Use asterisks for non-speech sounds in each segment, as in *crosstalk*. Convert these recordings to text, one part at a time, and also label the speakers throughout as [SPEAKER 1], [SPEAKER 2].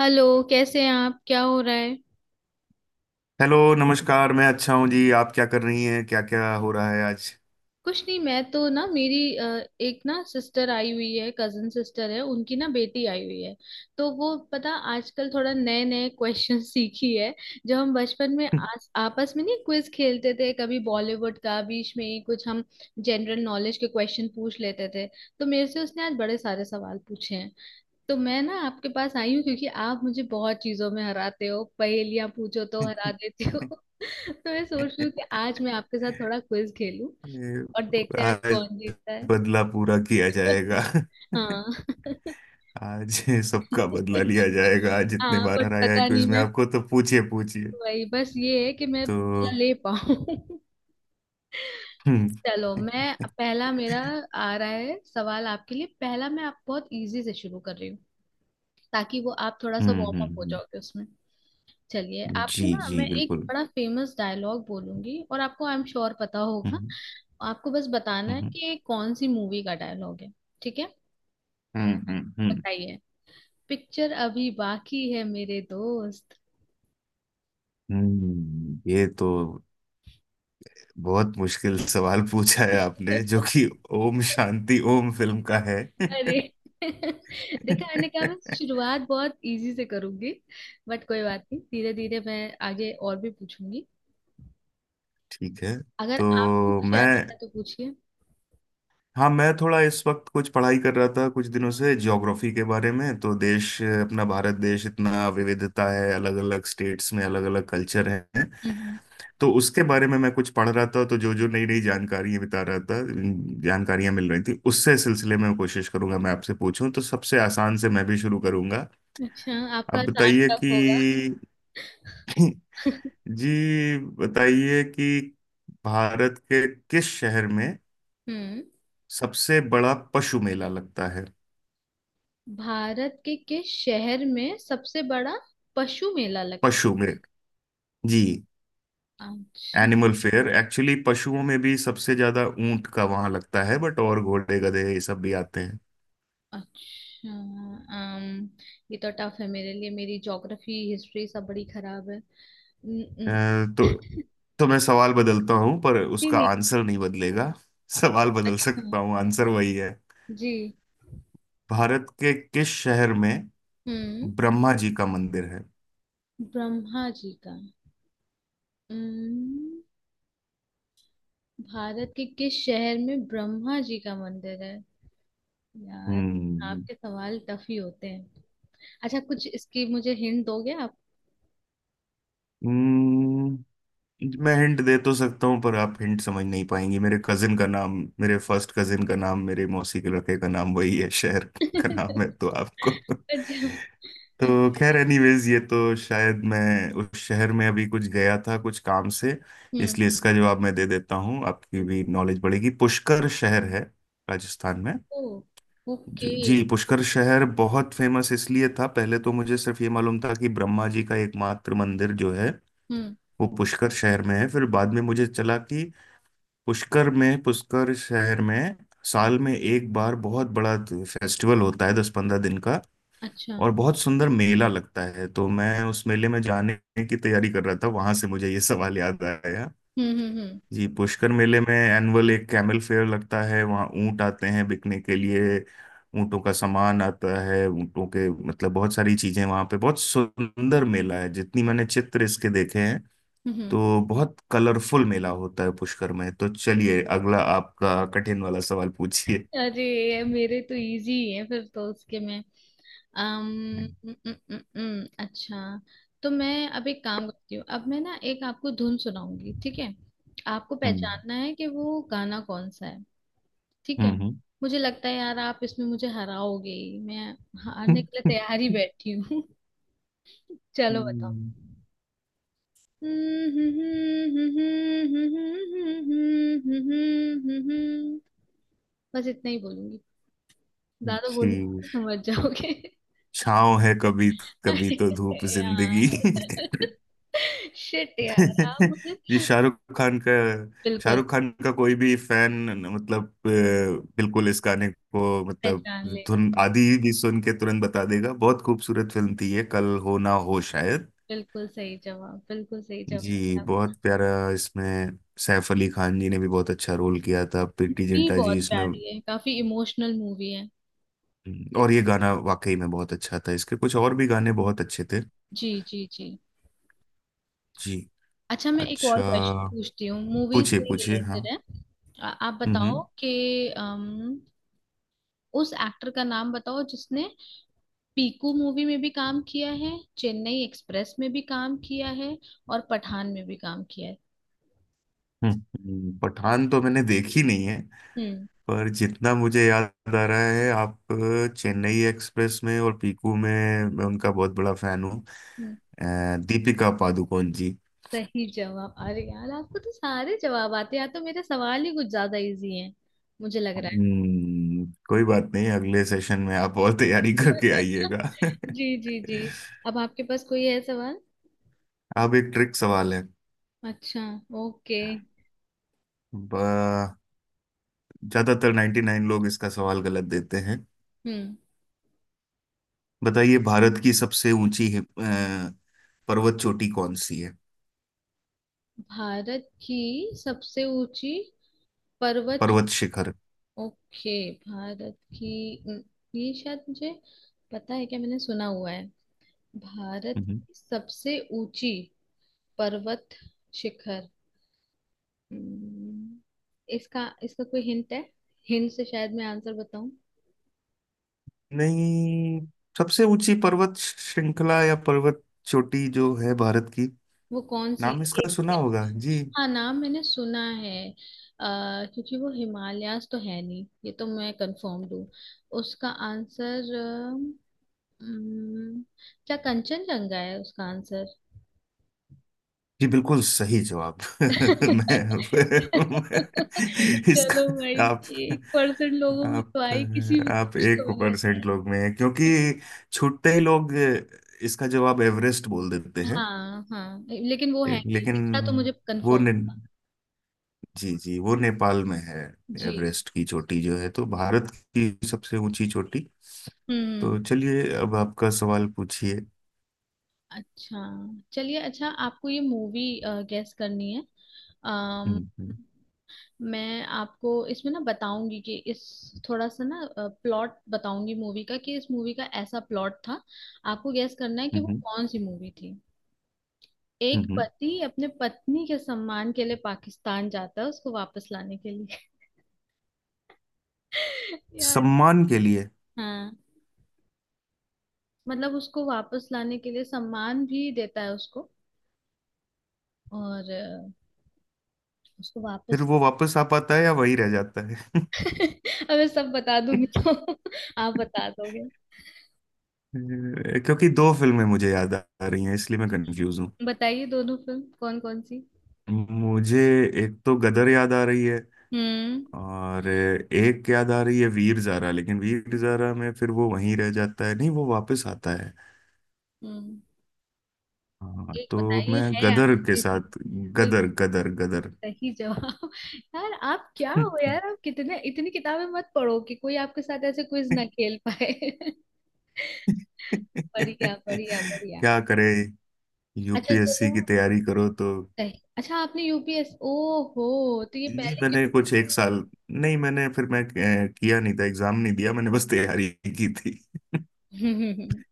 [SPEAKER 1] Hello. कैसे हैं आप? क्या हो रहा है?
[SPEAKER 2] हेलो नमस्कार, मैं अच्छा हूँ जी। आप क्या कर रही हैं? क्या क्या हो रहा है आज?
[SPEAKER 1] कुछ नहीं, मैं तो ना मेरी एक ना सिस्टर आई हुई है। कजन सिस्टर है, उनकी ना बेटी आई हुई है। तो वो पता आजकल थोड़ा नए नए क्वेश्चन *laughs* सीखी है। जो हम बचपन में आपस में नहीं क्विज खेलते थे कभी बॉलीवुड का, बीच में ही कुछ हम जनरल नॉलेज के क्वेश्चन पूछ लेते थे। तो मेरे से उसने आज बड़े सारे सवाल पूछे हैं। तो मैं ना आपके पास आई हूँ, क्योंकि आप मुझे बहुत चीजों में हराते हो, पहेलियां पूछो तो हरा
[SPEAKER 2] *laughs*
[SPEAKER 1] देते हो। *laughs* तो मैं सोच रही हूँ कि आज मैं आपके साथ थोड़ा क्विज खेलूं और देखते हैं आज
[SPEAKER 2] आज
[SPEAKER 1] कौन जीतता है।
[SPEAKER 2] बदला पूरा किया जाएगा।
[SPEAKER 1] *laughs* हाँ। *laughs*
[SPEAKER 2] *laughs* आज सबका बदला लिया जाएगा। आज जितने
[SPEAKER 1] हाँ,
[SPEAKER 2] बार
[SPEAKER 1] बट
[SPEAKER 2] हराया है
[SPEAKER 1] पता नहीं
[SPEAKER 2] क्विज में
[SPEAKER 1] मैं,
[SPEAKER 2] आपको, तो पूछिए पूछिए।
[SPEAKER 1] वही बस ये है कि मैं
[SPEAKER 2] तो
[SPEAKER 1] बदला ले पाऊँ। *laughs*
[SPEAKER 2] हम्म।
[SPEAKER 1] चलो, मैं
[SPEAKER 2] *laughs*
[SPEAKER 1] पहला मेरा आ रहा है सवाल आपके लिए। पहला, मैं आप बहुत इजी से शुरू कर रही हूँ ताकि वो आप थोड़ा सा
[SPEAKER 2] हम्म।
[SPEAKER 1] वार्म अप
[SPEAKER 2] हम्म।
[SPEAKER 1] हो
[SPEAKER 2] हम्म।
[SPEAKER 1] जाओगे उसमें। चलिए, आपको
[SPEAKER 2] जी
[SPEAKER 1] ना
[SPEAKER 2] जी
[SPEAKER 1] मैं एक
[SPEAKER 2] बिल्कुल।
[SPEAKER 1] बड़ा फेमस डायलॉग बोलूंगी और आपको आई एम श्योर पता होगा।
[SPEAKER 2] हम्म।
[SPEAKER 1] आपको बस बताना है
[SPEAKER 2] हम्म।
[SPEAKER 1] कि ये कौन सी मूवी का डायलॉग है। ठीक है?
[SPEAKER 2] हम्म। हम्म। हम्म।
[SPEAKER 1] बताइए, पिक्चर अभी बाकी है मेरे दोस्त।
[SPEAKER 2] हम्म। ये तो बहुत मुश्किल सवाल पूछा है आपने, जो कि ओम शांति ओम फिल्म का है।
[SPEAKER 1] अरे!
[SPEAKER 2] *laughs*
[SPEAKER 1] *laughs* देखा, मैंने कहा मैं शुरुआत बहुत इजी से करूंगी। बट कोई बात नहीं, धीरे धीरे मैं आगे और भी पूछूंगी।
[SPEAKER 2] ठीक है।
[SPEAKER 1] अगर आपको
[SPEAKER 2] तो
[SPEAKER 1] कुछ
[SPEAKER 2] मैं,
[SPEAKER 1] याद आ रहा है तो पूछिए।
[SPEAKER 2] हाँ मैं थोड़ा इस वक्त कुछ पढ़ाई कर रहा था कुछ दिनों से ज्योग्राफी के बारे में। तो देश अपना भारत देश इतना विविधता है, अलग अलग स्टेट्स में अलग अलग कल्चर हैं।
[SPEAKER 1] हम्म।
[SPEAKER 2] तो उसके बारे में मैं कुछ पढ़ रहा था, तो जो जो नई नई जानकारियां बिता रहा था, जानकारियां मिल रही थी उससे, सिलसिले में कोशिश करूंगा मैं आपसे पूछूं। तो सबसे आसान से मैं भी शुरू करूंगा।
[SPEAKER 1] अच्छा, आपका
[SPEAKER 2] आप
[SPEAKER 1] आसान
[SPEAKER 2] बताइए
[SPEAKER 1] टफ
[SPEAKER 2] कि,
[SPEAKER 1] होगा। *laughs*
[SPEAKER 2] जी बताइए कि भारत के किस शहर में
[SPEAKER 1] हम्म।
[SPEAKER 2] सबसे बड़ा पशु मेला लगता है?
[SPEAKER 1] भारत के किस शहर में सबसे बड़ा पशु मेला लगता
[SPEAKER 2] पशु में, जी
[SPEAKER 1] है? अच्छा।
[SPEAKER 2] Animal fair. एक्चुअली पशुओं में भी सबसे ज्यादा ऊंट का वहां लगता है बट, और घोड़े गधे ये सब भी आते हैं।
[SPEAKER 1] अच्छा। um, ये तो टफ है मेरे लिए, मेरी ज्योग्राफी हिस्ट्री सब बड़ी खराब है। न-
[SPEAKER 2] अ,
[SPEAKER 1] न-
[SPEAKER 2] तो
[SPEAKER 1] *laughs*
[SPEAKER 2] तो मैं सवाल बदलता हूं पर
[SPEAKER 1] नहीं
[SPEAKER 2] उसका
[SPEAKER 1] नहीं।
[SPEAKER 2] आंसर नहीं बदलेगा। सवाल बदल
[SPEAKER 1] अच्छा।
[SPEAKER 2] सकता हूँ, आंसर वही है।
[SPEAKER 1] जी।
[SPEAKER 2] भारत के किस शहर में
[SPEAKER 1] हम्म।
[SPEAKER 2] ब्रह्मा जी का मंदिर है?
[SPEAKER 1] ब्रह्मा जी का। हम्म। भारत के किस शहर में ब्रह्मा जी का मंदिर है? यार,
[SPEAKER 2] हम्म।
[SPEAKER 1] आपके सवाल टफ ही होते हैं। अच्छा, कुछ इसकी मुझे हिंट दोगे आप?
[SPEAKER 2] हम्म। मैं हिंट दे तो सकता हूँ पर आप हिंट समझ नहीं पाएंगे। मेरे कजिन का नाम, मेरे फर्स्ट कजिन का नाम, मेरे मौसी के लड़के का नाम वही है, शहर
[SPEAKER 1] *laughs*
[SPEAKER 2] का
[SPEAKER 1] अच्छा।
[SPEAKER 2] नाम है। तो आपको, तो
[SPEAKER 1] अच्छा।
[SPEAKER 2] खैर एनीवेज, ये तो शायद मैं उस शहर में अभी कुछ गया था कुछ काम से,
[SPEAKER 1] हम्म।
[SPEAKER 2] इसलिए इसका जवाब मैं दे देता हूँ, आपकी भी नॉलेज बढ़ेगी। पुष्कर शहर है राजस्थान में।
[SPEAKER 1] ओ।
[SPEAKER 2] जी
[SPEAKER 1] ओके।
[SPEAKER 2] जी, पुष्कर शहर बहुत फेमस इसलिए था। पहले तो मुझे सिर्फ ये मालूम था कि ब्रह्मा जी का एकमात्र मंदिर जो है
[SPEAKER 1] हम्म।
[SPEAKER 2] वो पुष्कर शहर में है। फिर बाद में मुझे चला कि पुष्कर में, पुष्कर शहर में साल में एक बार बहुत बड़ा फेस्टिवल होता है, 10-15 दिन का।
[SPEAKER 1] अच्छा।
[SPEAKER 2] और बहुत सुंदर मेला लगता है, तो मैं उस मेले में जाने की तैयारी कर रहा था, वहां से मुझे ये सवाल याद आया।
[SPEAKER 1] हम्म।
[SPEAKER 2] जी पुष्कर मेले में एनुअल एक कैमल फेयर लगता है। वहाँ ऊंट आते हैं बिकने के लिए, ऊंटों का सामान आता है, ऊंटों के मतलब बहुत सारी चीजें वहां पे। बहुत सुंदर मेला है, जितनी मैंने चित्र इसके देखे,
[SPEAKER 1] हम्म।
[SPEAKER 2] तो बहुत कलरफुल मेला होता है पुष्कर में। तो चलिए, अगला आपका कठिन वाला सवाल पूछिए।
[SPEAKER 1] अरे, ये मेरे तो इजी ही है फिर तो उसके में। अम
[SPEAKER 2] हम्म।
[SPEAKER 1] उम, उम, उम, उम, अच्छा, तो मैं अब एक काम करती हूँ। अब मैं ना एक आपको धुन सुनाऊंगी, ठीक है? आपको
[SPEAKER 2] हम्म।
[SPEAKER 1] पहचानना है कि वो गाना कौन सा है। ठीक है।
[SPEAKER 2] हम्म।
[SPEAKER 1] मुझे लगता है यार आप इसमें मुझे हराओगे ही। मैं हारने के लिए तैयार ही बैठी हूँ। *laughs* चलो बताओ।
[SPEAKER 2] हम्म।
[SPEAKER 1] बस इतना ही बोलूंगी,
[SPEAKER 2] *laughs*
[SPEAKER 1] ज्यादा बोलूंगी
[SPEAKER 2] जी,
[SPEAKER 1] तो समझ जाओगे।
[SPEAKER 2] छाँव है कभी, कभी
[SPEAKER 1] अरे
[SPEAKER 2] तो धूप जिंदगी।
[SPEAKER 1] यार! *laughs* शिट यार, आप
[SPEAKER 2] *laughs*
[SPEAKER 1] मुझे
[SPEAKER 2] ये शाहरुख खान का,
[SPEAKER 1] बिल्कुल
[SPEAKER 2] शाहरुख खान का कोई भी फैन, मतलब बिल्कुल इस गाने को, मतलब
[SPEAKER 1] पहचान लेगा।
[SPEAKER 2] धुन आदि भी सुन के तुरंत बता देगा। बहुत खूबसूरत फिल्म थी ये, कल हो ना हो शायद।
[SPEAKER 1] बिल्कुल सही जवाब, बिल्कुल सही जवाब
[SPEAKER 2] जी
[SPEAKER 1] है
[SPEAKER 2] बहुत
[SPEAKER 1] आपका।
[SPEAKER 2] प्यारा। इसमें सैफ अली खान जी ने भी बहुत अच्छा रोल किया था, प्रीति
[SPEAKER 1] मूवी
[SPEAKER 2] जिंटा जी
[SPEAKER 1] बहुत
[SPEAKER 2] इसमें,
[SPEAKER 1] प्यारी है, काफी इमोशनल मूवी है।
[SPEAKER 2] और ये गाना वाकई में बहुत अच्छा था, इसके कुछ और भी गाने बहुत अच्छे थे।
[SPEAKER 1] जी जी जी।
[SPEAKER 2] जी।
[SPEAKER 1] अच्छा, मैं एक
[SPEAKER 2] अच्छा,
[SPEAKER 1] और क्वेश्चन पूछती हूँ, मूवी
[SPEAKER 2] पूछिए
[SPEAKER 1] से
[SPEAKER 2] पूछिए
[SPEAKER 1] रिलेटेड
[SPEAKER 2] हाँ।
[SPEAKER 1] है। आप बताओ
[SPEAKER 2] हम्म।
[SPEAKER 1] कि उस एक्टर का नाम बताओ जिसने पीकू मूवी में भी काम किया है, चेन्नई एक्सप्रेस में भी काम किया है, और पठान में भी काम किया है।
[SPEAKER 2] हम्म। पठान तो मैंने देखी नहीं है।
[SPEAKER 1] हम्म।
[SPEAKER 2] पर जितना मुझे याद आ रहा है, आप चेन्नई एक्सप्रेस में और पीकू में, मैं उनका बहुत बड़ा फैन हूँ।
[SPEAKER 1] हम्म।
[SPEAKER 2] अ, दीपिका पादुकोण जी।
[SPEAKER 1] सही जवाब! अरे यार, आपको तो सारे जवाब आते हैं, या तो मेरे सवाल ही कुछ ज्यादा इजी हैं, मुझे लग रहा है।
[SPEAKER 2] हम्म, कोई बात नहीं, अगले सेशन में आप और तैयारी करके आइएगा।
[SPEAKER 1] *laughs* जी जी जी।
[SPEAKER 2] *laughs*
[SPEAKER 1] अब आपके पास कोई है सवाल?
[SPEAKER 2] अब एक ट्रिक सवाल है।
[SPEAKER 1] अच्छा। ओके।
[SPEAKER 2] ब- ज्यादातर 99 लोग इसका सवाल गलत देते हैं।
[SPEAKER 1] हम्म।
[SPEAKER 2] बताइए, भारत की सबसे ऊंची पर्वत चोटी कौन सी है?
[SPEAKER 1] भारत की सबसे ऊंची पर्वत चो-
[SPEAKER 2] पर्वत शिखर।
[SPEAKER 1] ओके, भारत की, ये शायद मुझे पता है, क्या मैंने सुना हुआ है। भारत
[SPEAKER 2] हम्म।
[SPEAKER 1] की सबसे ऊंची पर्वत शिखर, हम्म, इसका इसका कोई हिंट है? हिंट से शायद मैं आंसर बताऊं।
[SPEAKER 2] नहीं, सबसे ऊंची पर्वत श्रृंखला या पर्वत चोटी जो है भारत की,
[SPEAKER 1] वो कौन सी
[SPEAKER 2] नाम
[SPEAKER 1] है?
[SPEAKER 2] इसका
[SPEAKER 1] एक
[SPEAKER 2] सुना
[SPEAKER 1] सेकेंड।
[SPEAKER 2] होगा जी।
[SPEAKER 1] हाँ, नाम मैंने सुना है। आ, क्योंकि वो हिमालयास तो है नहीं, ये तो मैं कंफर्म हूँ। उसका आंसर हम्म, क्या कंचनजंगा है उसका आंसर?
[SPEAKER 2] जी बिल्कुल सही जवाब। *laughs* मैं
[SPEAKER 1] *laughs*
[SPEAKER 2] मैं
[SPEAKER 1] चलो भाई,
[SPEAKER 2] इसका,
[SPEAKER 1] एक परसेंट लोगों में
[SPEAKER 2] आप
[SPEAKER 1] तो आई, किसी में तो
[SPEAKER 2] आप
[SPEAKER 1] कुछ
[SPEAKER 2] एक
[SPEAKER 1] तो मैंने बताया।
[SPEAKER 2] परसेंट लोग में हैं, क्योंकि छुट्टे ही लोग इसका जवाब एवरेस्ट बोल देते हैं।
[SPEAKER 1] हाँ हाँ, लेकिन वो है नहीं
[SPEAKER 2] लेकिन
[SPEAKER 1] इतना तो मुझे
[SPEAKER 2] वो
[SPEAKER 1] कंफर्म।
[SPEAKER 2] ने, जी जी, वो नेपाल में है,
[SPEAKER 1] जी।
[SPEAKER 2] एवरेस्ट की चोटी जो है। तो भारत की सबसे ऊंची चोटी।
[SPEAKER 1] हम्म।
[SPEAKER 2] तो चलिए अब आपका सवाल पूछिए।
[SPEAKER 1] अच्छा, चलिए। अच्छा, आपको ये मूवी गेस करनी है। अम,
[SPEAKER 2] हम्म। हम्म।
[SPEAKER 1] मैं आपको इसमें ना बताऊंगी कि इस, थोड़ा सा ना प्लॉट बताऊंगी मूवी का, कि इस मूवी का ऐसा प्लॉट था, आपको गेस करना है कि वो
[SPEAKER 2] हम्म।
[SPEAKER 1] कौन सी मूवी थी।
[SPEAKER 2] हम्म।
[SPEAKER 1] एक
[SPEAKER 2] हम्म।
[SPEAKER 1] पति अपने पत्नी के सम्मान के लिए पाकिस्तान जाता है उसको वापस लाने के लिए। *laughs* यार!
[SPEAKER 2] सम्मान के लिए?
[SPEAKER 1] हाँ, मतलब उसको वापस लाने के लिए सम्मान भी देता है उसको। और उसको
[SPEAKER 2] फिर
[SPEAKER 1] वापस।
[SPEAKER 2] वो वापस आ पाता है या वही रह जाता है?
[SPEAKER 1] *laughs* अब मैं सब बता दूंगी तो *laughs* आप बता
[SPEAKER 2] *laughs*
[SPEAKER 1] दोगे।
[SPEAKER 2] क्योंकि दो फिल्में मुझे याद आ रही हैं, इसलिए मैं कंफ्यूज हूँ।
[SPEAKER 1] बताइए दोनों फिल्म कौन कौन सी।
[SPEAKER 2] मुझे एक तो गदर याद आ रही है,
[SPEAKER 1] हम्म।
[SPEAKER 2] और एक याद आ रही है वीर ज़ारा। लेकिन वीर ज़ारा में फिर वो वहीं रह जाता है, नहीं वो वापस आता है।
[SPEAKER 1] हम्म।
[SPEAKER 2] हाँ
[SPEAKER 1] एक
[SPEAKER 2] तो
[SPEAKER 1] बताइए
[SPEAKER 2] मैं
[SPEAKER 1] है यार,
[SPEAKER 2] गदर के
[SPEAKER 1] ऐसी-
[SPEAKER 2] साथ,
[SPEAKER 1] बिल्कुल
[SPEAKER 2] गदर गदर गदर।
[SPEAKER 1] सही जवाब! *laughs* यार आप क्या हो
[SPEAKER 2] *laughs*
[SPEAKER 1] यार! आप कितने, इतनी किताबें मत पढ़ो कि कोई आपके साथ ऐसे क्विज ना खेल पाए। *laughs* बढ़िया बढ़िया बढ़िया।
[SPEAKER 2] क्या करे,
[SPEAKER 1] अच्छा
[SPEAKER 2] यूपीएससी
[SPEAKER 1] चलो।
[SPEAKER 2] की तैयारी करो तो।
[SPEAKER 1] सही। अच्छा, आपने यूपीएस ओ हो तो ये
[SPEAKER 2] जी
[SPEAKER 1] पहले
[SPEAKER 2] मैंने
[SPEAKER 1] क्यों
[SPEAKER 2] कुछ एक
[SPEAKER 1] नहीं
[SPEAKER 2] साल, नहीं मैंने, फिर मैं किया नहीं था, एग्जाम नहीं दिया मैंने, बस तैयारी की थी। *laughs*
[SPEAKER 1] बताया?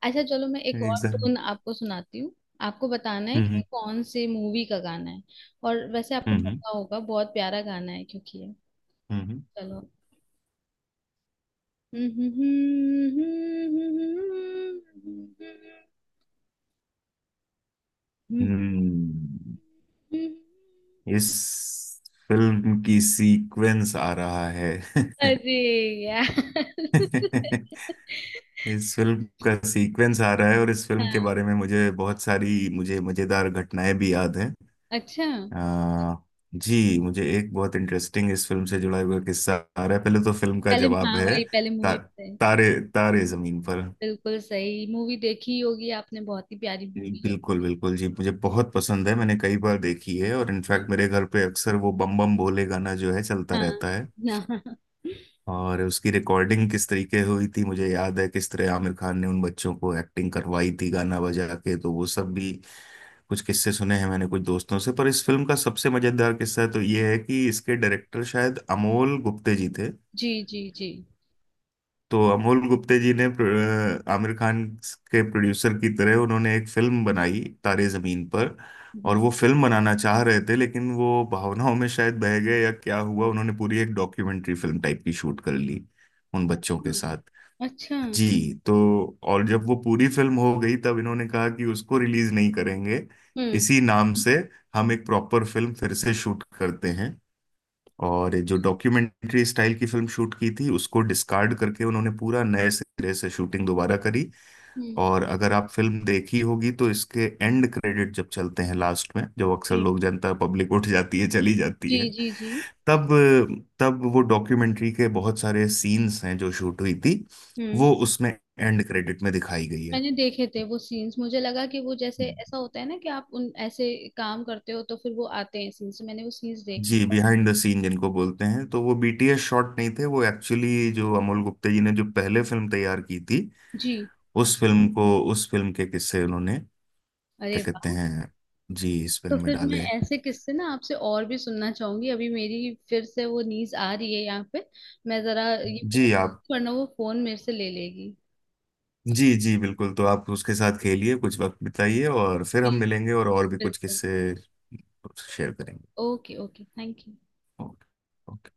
[SPEAKER 1] *laughs* अच्छा चलो, मैं एक और
[SPEAKER 2] एग्जाम।
[SPEAKER 1] टून आपको सुनाती हूँ। आपको बताना है कि
[SPEAKER 2] हम्म।
[SPEAKER 1] कौन से मूवी का गाना है। और वैसे आपको
[SPEAKER 2] हम्म।
[SPEAKER 1] पता होगा, बहुत प्यारा गाना है क्योंकि ये,
[SPEAKER 2] हम्म।
[SPEAKER 1] चलो।
[SPEAKER 2] हम्म। इस फिल्म की सीक्वेंस आ रहा है।
[SPEAKER 1] अरे यार!
[SPEAKER 2] *laughs*
[SPEAKER 1] *laughs*
[SPEAKER 2] इस फिल्म का सीक्वेंस आ रहा है, और इस फिल्म
[SPEAKER 1] हाँ।
[SPEAKER 2] के बारे में मुझे बहुत सारी, मुझे मजेदार घटनाएं भी याद हैं।
[SPEAKER 1] अच्छा,
[SPEAKER 2] आ, जी मुझे एक बहुत इंटरेस्टिंग इस फिल्म से जुड़ा हुआ किस्सा आ रहा है। पहले तो फिल्म का
[SPEAKER 1] पहले
[SPEAKER 2] जवाब
[SPEAKER 1] हाँ,
[SPEAKER 2] है,
[SPEAKER 1] वही पहले
[SPEAKER 2] ता,
[SPEAKER 1] मूवी पे।
[SPEAKER 2] तारे तारे जमीन पर।
[SPEAKER 1] बिल्कुल सही मूवी! देखी ही होगी आपने, बहुत ही प्यारी
[SPEAKER 2] जी,
[SPEAKER 1] मूवी है।
[SPEAKER 2] बिल्कुल बिल्कुल जी, मुझे बहुत पसंद है, मैंने कई बार देखी है। और इनफैक्ट मेरे घर पे अक्सर वो बम बम भोले गाना जो है चलता
[SPEAKER 1] हाँ।
[SPEAKER 2] रहता है।
[SPEAKER 1] हाँ। *laughs*
[SPEAKER 2] और उसकी रिकॉर्डिंग किस तरीके हुई थी मुझे याद है, किस तरह आमिर खान ने उन बच्चों को एक्टिंग करवाई थी गाना बजा के, तो वो सब भी कुछ किस्से सुने हैं मैंने कुछ दोस्तों से। पर इस फिल्म का सबसे मजेदार किस्सा तो ये है कि इसके डायरेक्टर शायद अमोल गुप्ते जी थे।
[SPEAKER 1] जी जी जी।
[SPEAKER 2] तो अमोल गुप्ते जी ने आमिर खान के प्रोड्यूसर की तरह, उन्होंने एक फिल्म बनाई तारे जमीन पर। और
[SPEAKER 1] हम्म।
[SPEAKER 2] वो फिल्म बनाना चाह रहे थे, लेकिन वो भावनाओं में शायद बह गए या क्या हुआ, उन्होंने पूरी एक डॉक्यूमेंट्री फिल्म टाइप की शूट कर ली उन बच्चों के
[SPEAKER 1] हाँ।
[SPEAKER 2] साथ।
[SPEAKER 1] अच्छा। हम्म।
[SPEAKER 2] जी तो, और जब वो पूरी फिल्म हो गई, तब इन्होंने कहा कि उसको रिलीज नहीं करेंगे इसी नाम से, हम एक प्रॉपर फिल्म फिर से शूट करते हैं। और जो डॉक्यूमेंट्री स्टाइल की फिल्म शूट की थी, उसको डिस्कार्ड करके उन्होंने पूरा नए सिरे से शूटिंग दोबारा करी।
[SPEAKER 1] हम्म।
[SPEAKER 2] और अगर आप फिल्म देखी होगी, तो इसके एंड क्रेडिट जब चलते हैं लास्ट में, जो अक्सर
[SPEAKER 1] जी।
[SPEAKER 2] लोग जनता पब्लिक उठ जाती है, चली जाती
[SPEAKER 1] जी
[SPEAKER 2] है,
[SPEAKER 1] जी जी।
[SPEAKER 2] तब, तब वो डॉक्यूमेंट्री के बहुत सारे सीन्स हैं जो शूट हुई थी,
[SPEAKER 1] हम्म।
[SPEAKER 2] वो उसमें एंड क्रेडिट में दिखाई गई है।
[SPEAKER 1] मैंने देखे थे वो सीन्स, मुझे लगा कि वो जैसे ऐसा होता है ना कि आप उन ऐसे काम करते हो तो फिर वो आते हैं सीन्स, मैंने वो सीन्स देखे।
[SPEAKER 2] जी बिहाइंड द सीन जिनको बोलते हैं, तो वो बीटीएस शॉट नहीं थे, वो एक्चुअली जो अमोल गुप्ते जी ने जो पहले फिल्म तैयार की थी,
[SPEAKER 1] जी।
[SPEAKER 2] उस फिल्म को, उस फिल्म के किस्से उन्होंने,
[SPEAKER 1] अरे
[SPEAKER 2] क्या कहते
[SPEAKER 1] वाह!
[SPEAKER 2] हैं, जी इस
[SPEAKER 1] तो
[SPEAKER 2] फिल्म में
[SPEAKER 1] फिर मैं
[SPEAKER 2] डाले।
[SPEAKER 1] ऐसे किस्से ना आपसे और भी सुनना चाहूंगी। अभी मेरी फिर से वो नीज आ रही है यहाँ पे, मैं जरा ये फोन,
[SPEAKER 2] जी आप,
[SPEAKER 1] वरना वो फोन मेरे से ले लेगी।
[SPEAKER 2] जी जी बिल्कुल, तो आप उसके साथ खेलिए, कुछ वक्त बिताइए, और फिर
[SPEAKER 1] जी।
[SPEAKER 2] हम मिलेंगे और भी कुछ
[SPEAKER 1] बिल्कुल।
[SPEAKER 2] किस्से शेयर करेंगे।
[SPEAKER 1] Okay okay, thank you.
[SPEAKER 2] Okay okay.